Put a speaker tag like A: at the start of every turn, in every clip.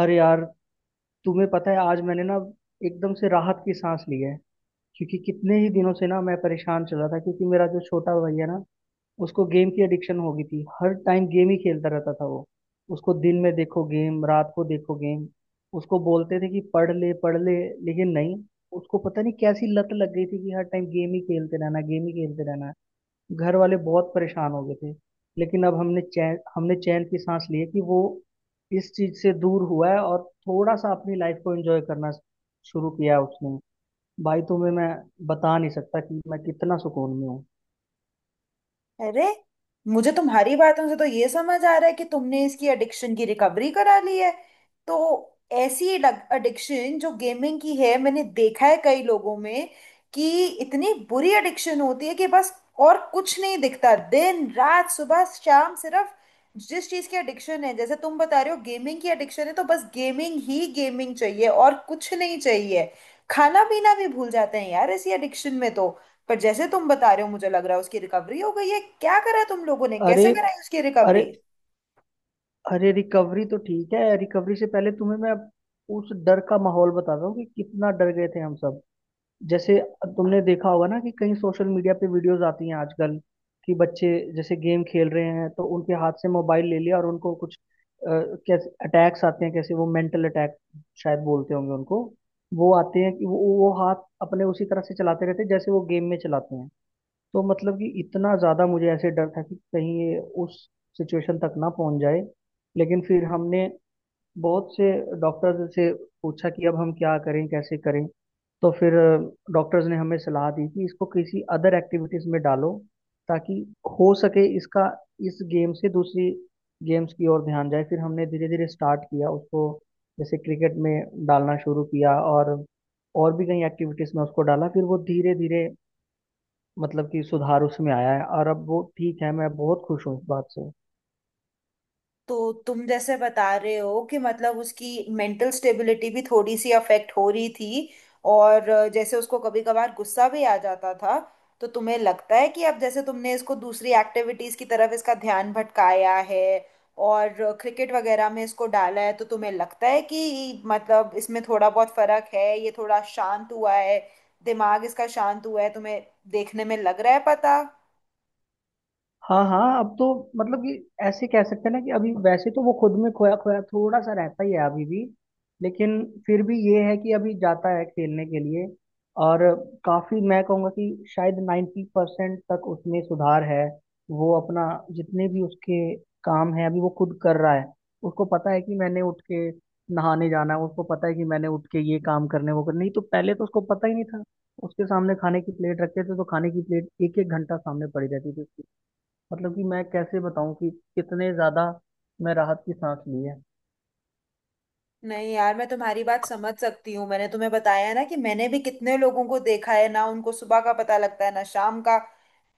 A: अरे यार। तुम्हें पता है, आज मैंने ना एकदम से राहत की सांस ली है, क्योंकि कितने ही दिनों से ना मैं परेशान चल रहा था। क्योंकि मेरा जो छोटा भाई है ना, उसको गेम की एडिक्शन हो गई थी। हर टाइम गेम ही खेलता रहता था वो। उसको दिन में देखो गेम, रात को देखो गेम। उसको बोलते थे कि पढ़ ले पढ़ ले, लेकिन नहीं। उसको पता नहीं कैसी लत लग गई थी कि हर टाइम गेम ही खेलते रहना गेम ही खेलते रहना। घर वाले बहुत परेशान हो गए थे। लेकिन अब हमने चैन की सांस ली है कि वो इस चीज से दूर हुआ है और थोड़ा सा अपनी लाइफ को एंजॉय करना शुरू किया है उसने। भाई तुम्हें मैं बता नहीं सकता कि मैं कितना सुकून में हूँ।
B: अरे मुझे तुम्हारी बातों से तो ये समझ आ रहा है कि तुमने इसकी एडिक्शन की रिकवरी करा ली है। तो ऐसी एडिक्शन जो गेमिंग की है मैंने देखा है कई लोगों में कि इतनी बुरी एडिक्शन होती है कि बस और कुछ नहीं दिखता, दिन रात सुबह शाम सिर्फ जिस चीज की एडिक्शन है, जैसे तुम बता रहे हो गेमिंग की एडिक्शन है तो बस गेमिंग ही गेमिंग चाहिए, और कुछ नहीं चाहिए। खाना पीना भी भूल जाते हैं यार ऐसी एडिक्शन में तो। पर जैसे तुम बता रहे हो मुझे लग रहा है उसकी रिकवरी हो गई है। क्या करा तुम लोगों ने,
A: अरे
B: कैसे कराई उसकी
A: अरे
B: रिकवरी?
A: अरे, रिकवरी तो ठीक है। रिकवरी से पहले तुम्हें मैं उस डर का माहौल बताता हूँ कि कितना डर गए थे हम सब। जैसे तुमने देखा होगा ना कि कई सोशल मीडिया पे वीडियोस आती हैं आजकल कि बच्चे जैसे गेम खेल रहे हैं तो उनके हाथ से मोबाइल ले लिया और उनको कुछ अ, कैसे अटैक्स आते हैं, कैसे वो मेंटल अटैक शायद बोलते होंगे उनको, वो आते हैं कि वो हाथ अपने उसी तरह से चलाते रहते हैं जैसे वो गेम में चलाते हैं। तो मतलब कि इतना ज़्यादा मुझे ऐसे डर था कि कहीं ये उस सिचुएशन तक ना पहुंच जाए। लेकिन फिर हमने बहुत से डॉक्टर्स से पूछा कि अब हम क्या करें, कैसे करें। तो फिर डॉक्टर्स ने हमें सलाह दी कि इसको किसी अदर एक्टिविटीज में डालो, ताकि हो सके इसका इस गेम से दूसरी गेम्स की ओर ध्यान जाए। फिर हमने धीरे धीरे स्टार्ट किया उसको, जैसे क्रिकेट में डालना शुरू किया, और भी कई एक्टिविटीज में उसको डाला। फिर वो धीरे धीरे, मतलब कि, सुधार उसमें आया है और अब वो ठीक है। मैं बहुत खुश हूँ इस बात से।
B: तो तुम जैसे बता रहे हो कि मतलब उसकी मेंटल स्टेबिलिटी भी थोड़ी सी अफेक्ट हो रही थी, और जैसे उसको कभी कभार गुस्सा भी आ जाता था। तो तुम्हें लगता है कि अब जैसे तुमने इसको दूसरी एक्टिविटीज की तरफ इसका ध्यान भटकाया है, और क्रिकेट वगैरह में इसको डाला है तो तुम्हें लगता है कि मतलब इसमें थोड़ा बहुत फर्क है, ये थोड़ा शांत हुआ है, दिमाग इसका शांत हुआ है तुम्हें देखने में लग रहा है, पता
A: हाँ हाँ, अब तो मतलब कि ऐसे कह सकते हैं ना कि अभी वैसे तो वो खुद में खोया खोया थोड़ा सा रहता ही है अभी भी। लेकिन फिर भी ये है कि अभी जाता है खेलने के लिए। और काफी, मैं कहूँगा कि शायद 90% तक उसमें सुधार है। वो अपना, जितने भी उसके काम है अभी वो खुद कर रहा है। उसको पता है कि मैंने उठ के नहाने जाना है। उसको पता है कि मैंने उठ के ये काम करने, वो करने, नहीं तो पहले तो उसको पता ही नहीं था। उसके सामने खाने की प्लेट रखते थे तो खाने की प्लेट एक एक घंटा सामने पड़ी रहती थी। मतलब कि मैं कैसे बताऊं कि कितने ज्यादा मैं राहत की सांस ली है।
B: नहीं। यार मैं तुम्हारी बात समझ सकती हूँ। मैंने तुम्हें बताया ना कि मैंने भी कितने लोगों को देखा है ना, उनको सुबह का पता लगता है ना शाम का।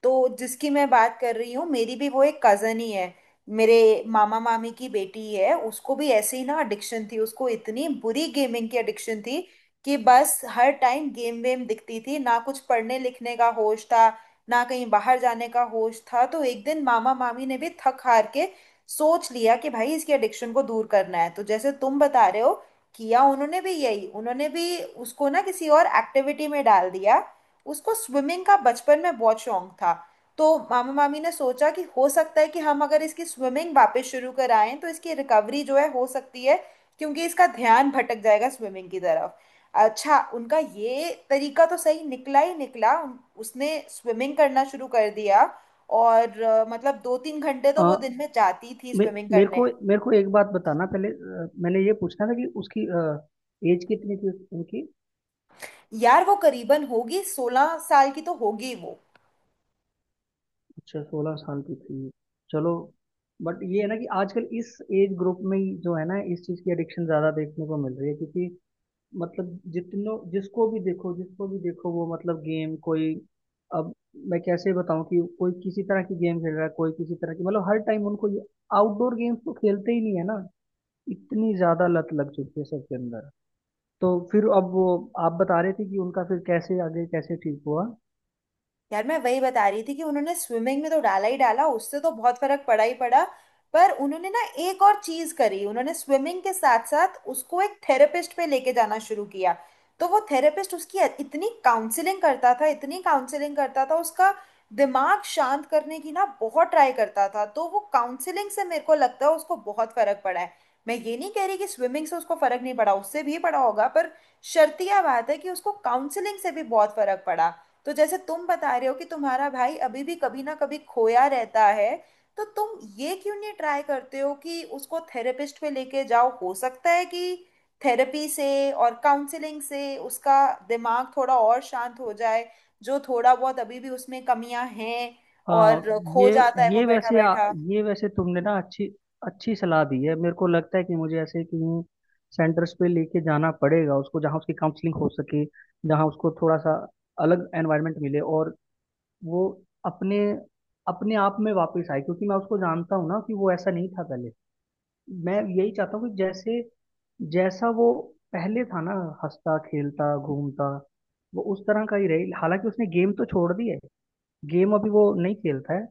B: तो जिसकी मैं बात कर रही हूँ मेरी भी वो एक कजन ही है, मेरे मामा मामी की बेटी है। उसको भी ऐसे ही ना एडिक्शन थी, उसको इतनी बुरी गेमिंग की एडिक्शन थी कि बस हर टाइम गेम वेम दिखती थी, ना कुछ पढ़ने लिखने का होश था ना कहीं बाहर जाने का होश था। तो एक दिन मामा मामी ने भी थक हार के सोच लिया कि भाई इसकी एडिक्शन को दूर करना है। तो जैसे तुम बता रहे हो किया उन्होंने भी यही, उन्होंने भी उसको ना किसी और एक्टिविटी में डाल दिया। उसको स्विमिंग का बचपन में बहुत शौक था, तो मामा मामी ने सोचा कि हो सकता है कि हम अगर इसकी स्विमिंग वापस शुरू कराएं तो इसकी रिकवरी जो है हो सकती है, क्योंकि इसका ध्यान भटक जाएगा स्विमिंग की तरफ। अच्छा, उनका ये तरीका तो सही निकला ही निकला। उसने स्विमिंग करना शुरू कर दिया, और मतलब दो तीन घंटे तो
A: आ,
B: वो दिन में जाती थी
A: मे,
B: स्विमिंग
A: मेरे को
B: करने।
A: मेरे को एक बात बताना पहले। मैंने ये पूछना था कि उसकी एज कितनी थी उनकी।
B: यार वो करीबन होगी 16 साल की तो होगी वो।
A: अच्छा, 16 साल की थी। चलो। बट ये है ना कि आजकल इस एज ग्रुप में ही जो है ना, इस चीज़ की एडिक्शन ज़्यादा देखने को मिल रही है। क्योंकि मतलब, जितनों जिसको भी देखो जिसको भी देखो, वो मतलब गेम, कोई, अब मैं कैसे बताऊं कि कोई किसी तरह की गेम खेल रहा है, कोई किसी तरह की, मतलब हर टाइम उनको ये, आउटडोर गेम्स तो खेलते ही नहीं है ना। इतनी ज्यादा लत लग चुकी है सबके अंदर। तो फिर अब वो, आप बता रहे थे कि उनका फिर कैसे आगे कैसे ठीक हुआ।
B: यार मैं वही बता रही थी कि उन्होंने स्विमिंग में तो डाला ही डाला, उससे तो बहुत फर्क पड़ा ही पड़ा। पर उन्होंने ना एक और चीज करी, उन्होंने स्विमिंग के साथ साथ उसको एक थेरेपिस्ट पे लेके जाना शुरू किया। तो वो थेरेपिस्ट उसकी इतनी काउंसलिंग करता था, इतनी काउंसलिंग करता था, उसका दिमाग शांत करने की ना बहुत ट्राई करता था। तो वो काउंसलिंग से मेरे को लगता है उसको बहुत फर्क पड़ा है। मैं ये नहीं कह रही कि स्विमिंग से उसको फर्क नहीं पड़ा, उससे भी पड़ा होगा, पर शर्त यह बात है कि उसको काउंसलिंग से भी बहुत फर्क पड़ा। तो जैसे तुम बता रहे हो कि तुम्हारा भाई अभी भी कभी ना कभी खोया रहता है, तो तुम ये क्यों नहीं ट्राई करते हो कि उसको थेरेपिस्ट पे लेके जाओ। हो सकता है कि थेरेपी से और काउंसलिंग से उसका दिमाग थोड़ा और शांत हो जाए, जो थोड़ा बहुत अभी भी उसमें कमियां हैं
A: हाँ,
B: और खो
A: ये
B: जाता है वो
A: ये
B: बैठा
A: वैसे आ,
B: बैठा।
A: ये वैसे तुमने ना अच्छी अच्छी सलाह दी है। मेरे को लगता है कि मुझे ऐसे कहीं सेंटर्स पे लेके जाना पड़ेगा उसको, जहाँ उसकी काउंसलिंग हो सके, जहाँ उसको थोड़ा सा अलग एनवायरनमेंट मिले और वो अपने अपने आप में वापस आए। क्योंकि मैं उसको जानता हूँ ना कि वो ऐसा नहीं था पहले। मैं यही चाहता हूँ कि जैसे, जैसा वो पहले था ना, हंसता खेलता घूमता, वो उस तरह का ही रहे। हालांकि उसने गेम तो छोड़ दी है, गेम अभी वो नहीं खेलता है।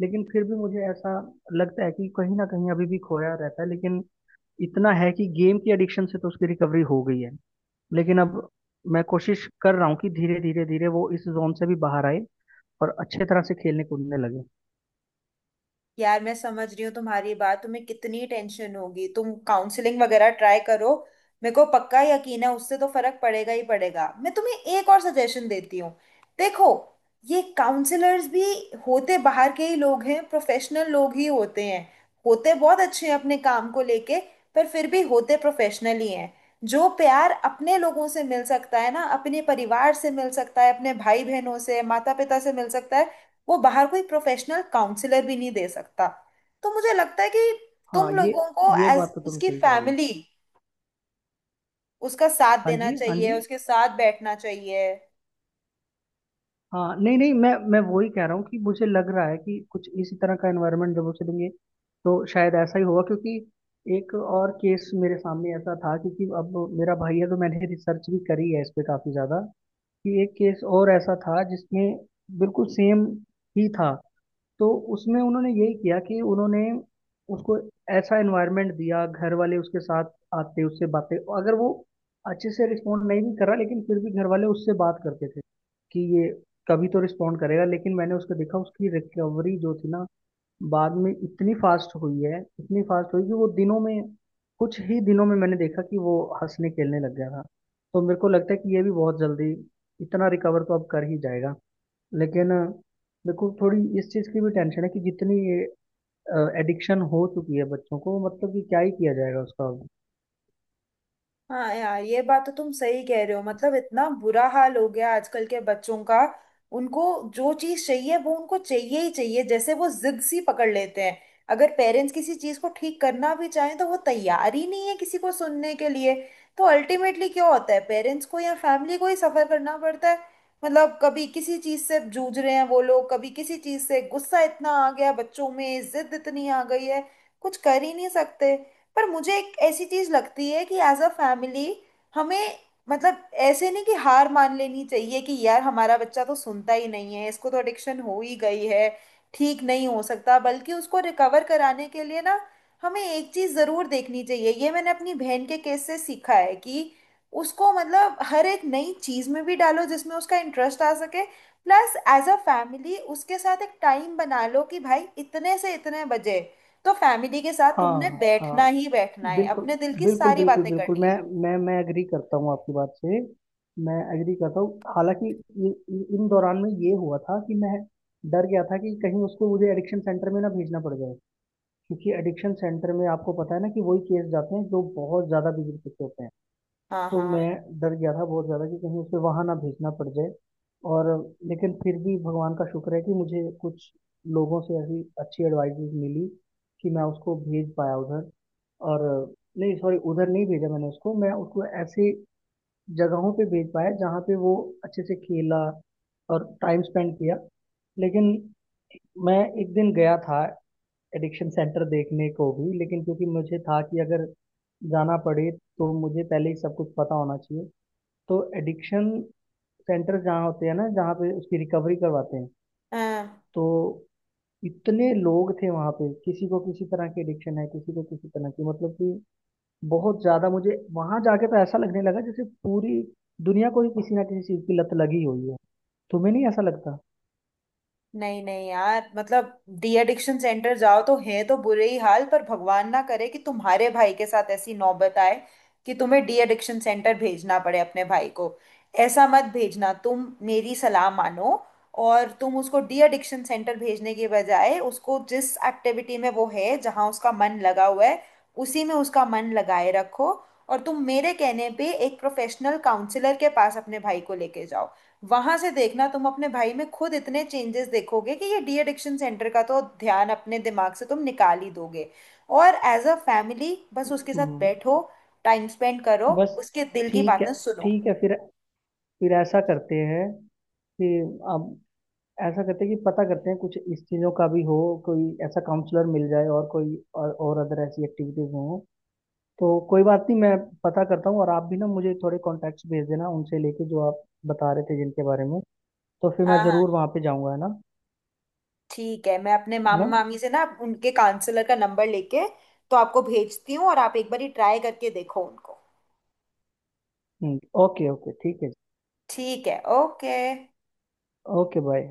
A: लेकिन फिर भी मुझे ऐसा लगता है कि कहीं ना कहीं अभी भी खोया रहता है। लेकिन इतना है कि गेम की एडिक्शन से तो उसकी रिकवरी हो गई है। लेकिन अब मैं कोशिश कर रहा हूँ कि धीरे धीरे धीरे वो इस जोन से भी बाहर आए और अच्छे तरह से खेलने कूदने लगे।
B: यार मैं समझ रही हूँ तुम्हारी बात, तुम्हें कितनी टेंशन होगी। तुम काउंसलिंग वगैरह ट्राई करो, मेरे को पक्का यकीन है उससे तो फर्क पड़ेगा ही पड़ेगा। मैं तुम्हें एक और सजेशन देती हूँ, देखो, ये काउंसलर्स भी होते बाहर के ही लोग हैं, प्रोफेशनल लोग ही होते हैं। होते बहुत अच्छे हैं अपने काम को लेके, पर फिर भी होते प्रोफेशनल ही हैं। जो प्यार अपने लोगों से मिल सकता है ना, अपने परिवार से मिल सकता है, अपने भाई बहनों से, माता पिता से मिल सकता है, वो बाहर कोई प्रोफेशनल काउंसलर भी नहीं दे सकता। तो मुझे लगता है कि
A: हाँ,
B: तुम
A: ये
B: लोगों को
A: ये
B: एज
A: बात तो तुम
B: उसकी
A: सही कह रही हो।
B: फैमिली उसका साथ
A: हाँ
B: देना
A: जी हाँ
B: चाहिए,
A: जी।
B: उसके साथ बैठना चाहिए।
A: हाँ, नहीं नहीं, मैं वही कह रहा हूँ कि मुझे लग रहा है कि कुछ इसी तरह का एनवायरनमेंट जब उसे देंगे तो शायद ऐसा ही होगा। क्योंकि एक और केस मेरे सामने ऐसा था। क्योंकि अब मेरा भाई है तो मैंने रिसर्च भी करी है इस पे काफ़ी ज़्यादा, कि एक केस और ऐसा था जिसमें बिल्कुल सेम ही था। तो उसमें उन्होंने यही किया कि उन्होंने उसको ऐसा एनवायरनमेंट दिया, घर वाले उसके साथ आते, उससे बातें, अगर वो अच्छे से रिस्पॉन्ड नहीं भी कर रहा लेकिन फिर भी घर वाले उससे बात करते थे कि ये कभी तो रिस्पॉन्ड करेगा। लेकिन मैंने उसको देखा, उसकी रिकवरी जो थी ना बाद में इतनी फास्ट हुई है, इतनी फास्ट हुई कि वो दिनों में, कुछ ही दिनों में मैंने देखा कि वो हंसने खेलने लग गया था। तो मेरे को लगता है कि ये भी बहुत जल्दी इतना रिकवर तो अब कर ही जाएगा। लेकिन देखो, थोड़ी इस चीज़ की भी टेंशन है कि जितनी एडिक्शन हो चुकी है बच्चों को, मतलब कि क्या ही किया जाएगा उसका अब।
B: हाँ यार ये बात तो तुम सही कह रहे हो, मतलब इतना बुरा हाल हो गया आजकल के बच्चों का। उनको जो चीज चाहिए वो उनको चाहिए ही चाहिए, जैसे वो जिद सी पकड़ लेते हैं। अगर पेरेंट्स किसी चीज को ठीक करना भी चाहें तो वो तैयार ही नहीं है किसी को सुनने के लिए। तो अल्टीमेटली क्या होता है, पेरेंट्स को या फैमिली को ही सफर करना पड़ता है। मतलब कभी किसी चीज से जूझ रहे हैं वो लोग, कभी किसी चीज से गुस्सा इतना आ गया, बच्चों में जिद इतनी आ गई है कुछ कर ही नहीं सकते। पर मुझे एक ऐसी चीज लगती है कि एज अ फैमिली हमें, मतलब ऐसे नहीं कि हार मान लेनी चाहिए कि यार हमारा बच्चा तो सुनता ही नहीं है, इसको तो एडिक्शन हो ही गई है, ठीक नहीं हो सकता। बल्कि उसको रिकवर कराने के लिए ना हमें एक चीज जरूर देखनी चाहिए, ये मैंने अपनी बहन के केस से सीखा है, कि उसको मतलब हर एक नई चीज में भी डालो जिसमें उसका इंटरेस्ट आ सके। प्लस एज अ फैमिली उसके साथ एक टाइम बना लो कि भाई इतने से इतने बजे तो फैमिली के साथ तुमने
A: हाँ हाँ,
B: बैठना ही बैठना है,
A: बिल्कुल
B: अपने दिल की
A: बिल्कुल
B: सारी
A: बिल्कुल
B: बातें
A: बिल्कुल।
B: करनी
A: मैं
B: है।
A: मैं मैं एग्री करता हूँ आपकी बात से। मैं एग्री करता हूँ। हालांकि इन दौरान में ये हुआ था कि मैं डर गया था कि कहीं उसको मुझे एडिक्शन सेंटर में ना भेजना पड़ जाए। क्योंकि एडिक्शन सेंटर में आपको पता है ना कि वही केस जाते हैं जो बहुत ज़्यादा बिगड़ चुके होते हैं।
B: हाँ
A: तो
B: हाँ।
A: मैं डर गया था बहुत ज़्यादा कि कहीं उसे वहाँ ना भेजना पड़ जाए। और लेकिन फिर भी भगवान का शुक्र है कि मुझे कुछ लोगों से ऐसी अच्छी एडवाइजेज मिली कि मैं उसको भेज पाया उधर। और नहीं सॉरी, उधर नहीं भेजा मैंने उसको। मैं उसको ऐसी जगहों पे भेज पाया जहाँ पे वो अच्छे से खेला और टाइम स्पेंड किया। लेकिन मैं एक दिन गया था एडिक्शन सेंटर देखने को भी। लेकिन क्योंकि मुझे था कि अगर जाना पड़े तो मुझे पहले ही सब कुछ पता होना चाहिए। तो एडिक्शन सेंटर जहाँ होते हैं ना, जहाँ पे उसकी रिकवरी करवाते हैं,
B: हाँ
A: तो इतने लोग थे वहाँ पे, किसी को किसी तरह की एडिक्शन है, किसी को किसी तरह की, मतलब कि बहुत ज्यादा। मुझे वहां जाके तो ऐसा लगने लगा जैसे पूरी दुनिया को ही किसी ना किसी चीज की लत लगी हुई है। तुम्हें नहीं ऐसा लगता?
B: नहीं नहीं, यार मतलब डी एडिक्शन सेंटर जाओ तो है तो बुरे ही हाल, पर भगवान ना करे कि तुम्हारे भाई के साथ ऐसी नौबत आए कि तुम्हें डी एडिक्शन सेंटर भेजना पड़े अपने भाई को। ऐसा मत भेजना, तुम मेरी सलाह मानो, और तुम उसको डी एडिक्शन सेंटर भेजने के बजाय उसको जिस एक्टिविटी में वो है, जहाँ उसका मन लगा हुआ है उसी में उसका मन लगाए रखो। और तुम मेरे कहने पे एक प्रोफेशनल काउंसलर के पास अपने भाई को लेके जाओ, वहां से देखना तुम अपने भाई में खुद इतने चेंजेस देखोगे कि ये डी एडिक्शन सेंटर का तो ध्यान अपने दिमाग से तुम निकाल ही दोगे। और एज अ फैमिली बस उसके साथ
A: हम्म।
B: बैठो, टाइम स्पेंड करो,
A: बस।
B: उसके दिल की
A: ठीक है
B: बातें सुनो।
A: ठीक है। फिर ऐसा करते हैं कि, अब ऐसा करते हैं कि पता करते हैं कुछ इस चीज़ों का भी हो, कोई ऐसा काउंसलर मिल जाए और कोई और अदर ऐसी एक्टिविटीज हो। तो कोई बात नहीं, मैं पता करता हूँ। और आप भी ना मुझे थोड़े कॉन्टैक्ट्स भेज देना उनसे लेके जो आप बता रहे थे जिनके बारे में। तो फिर मैं
B: हाँ हाँ
A: ज़रूर वहाँ पे जाऊँगा, है ना?
B: ठीक है, मैं अपने
A: है
B: मामा
A: ना?
B: मामी से ना उनके काउंसलर का नंबर लेके तो आपको भेजती हूँ, और आप एक बार ही ट्राई करके देखो उनको।
A: ओके ओके, ठीक है।
B: ठीक है, ओके।
A: Okay bye.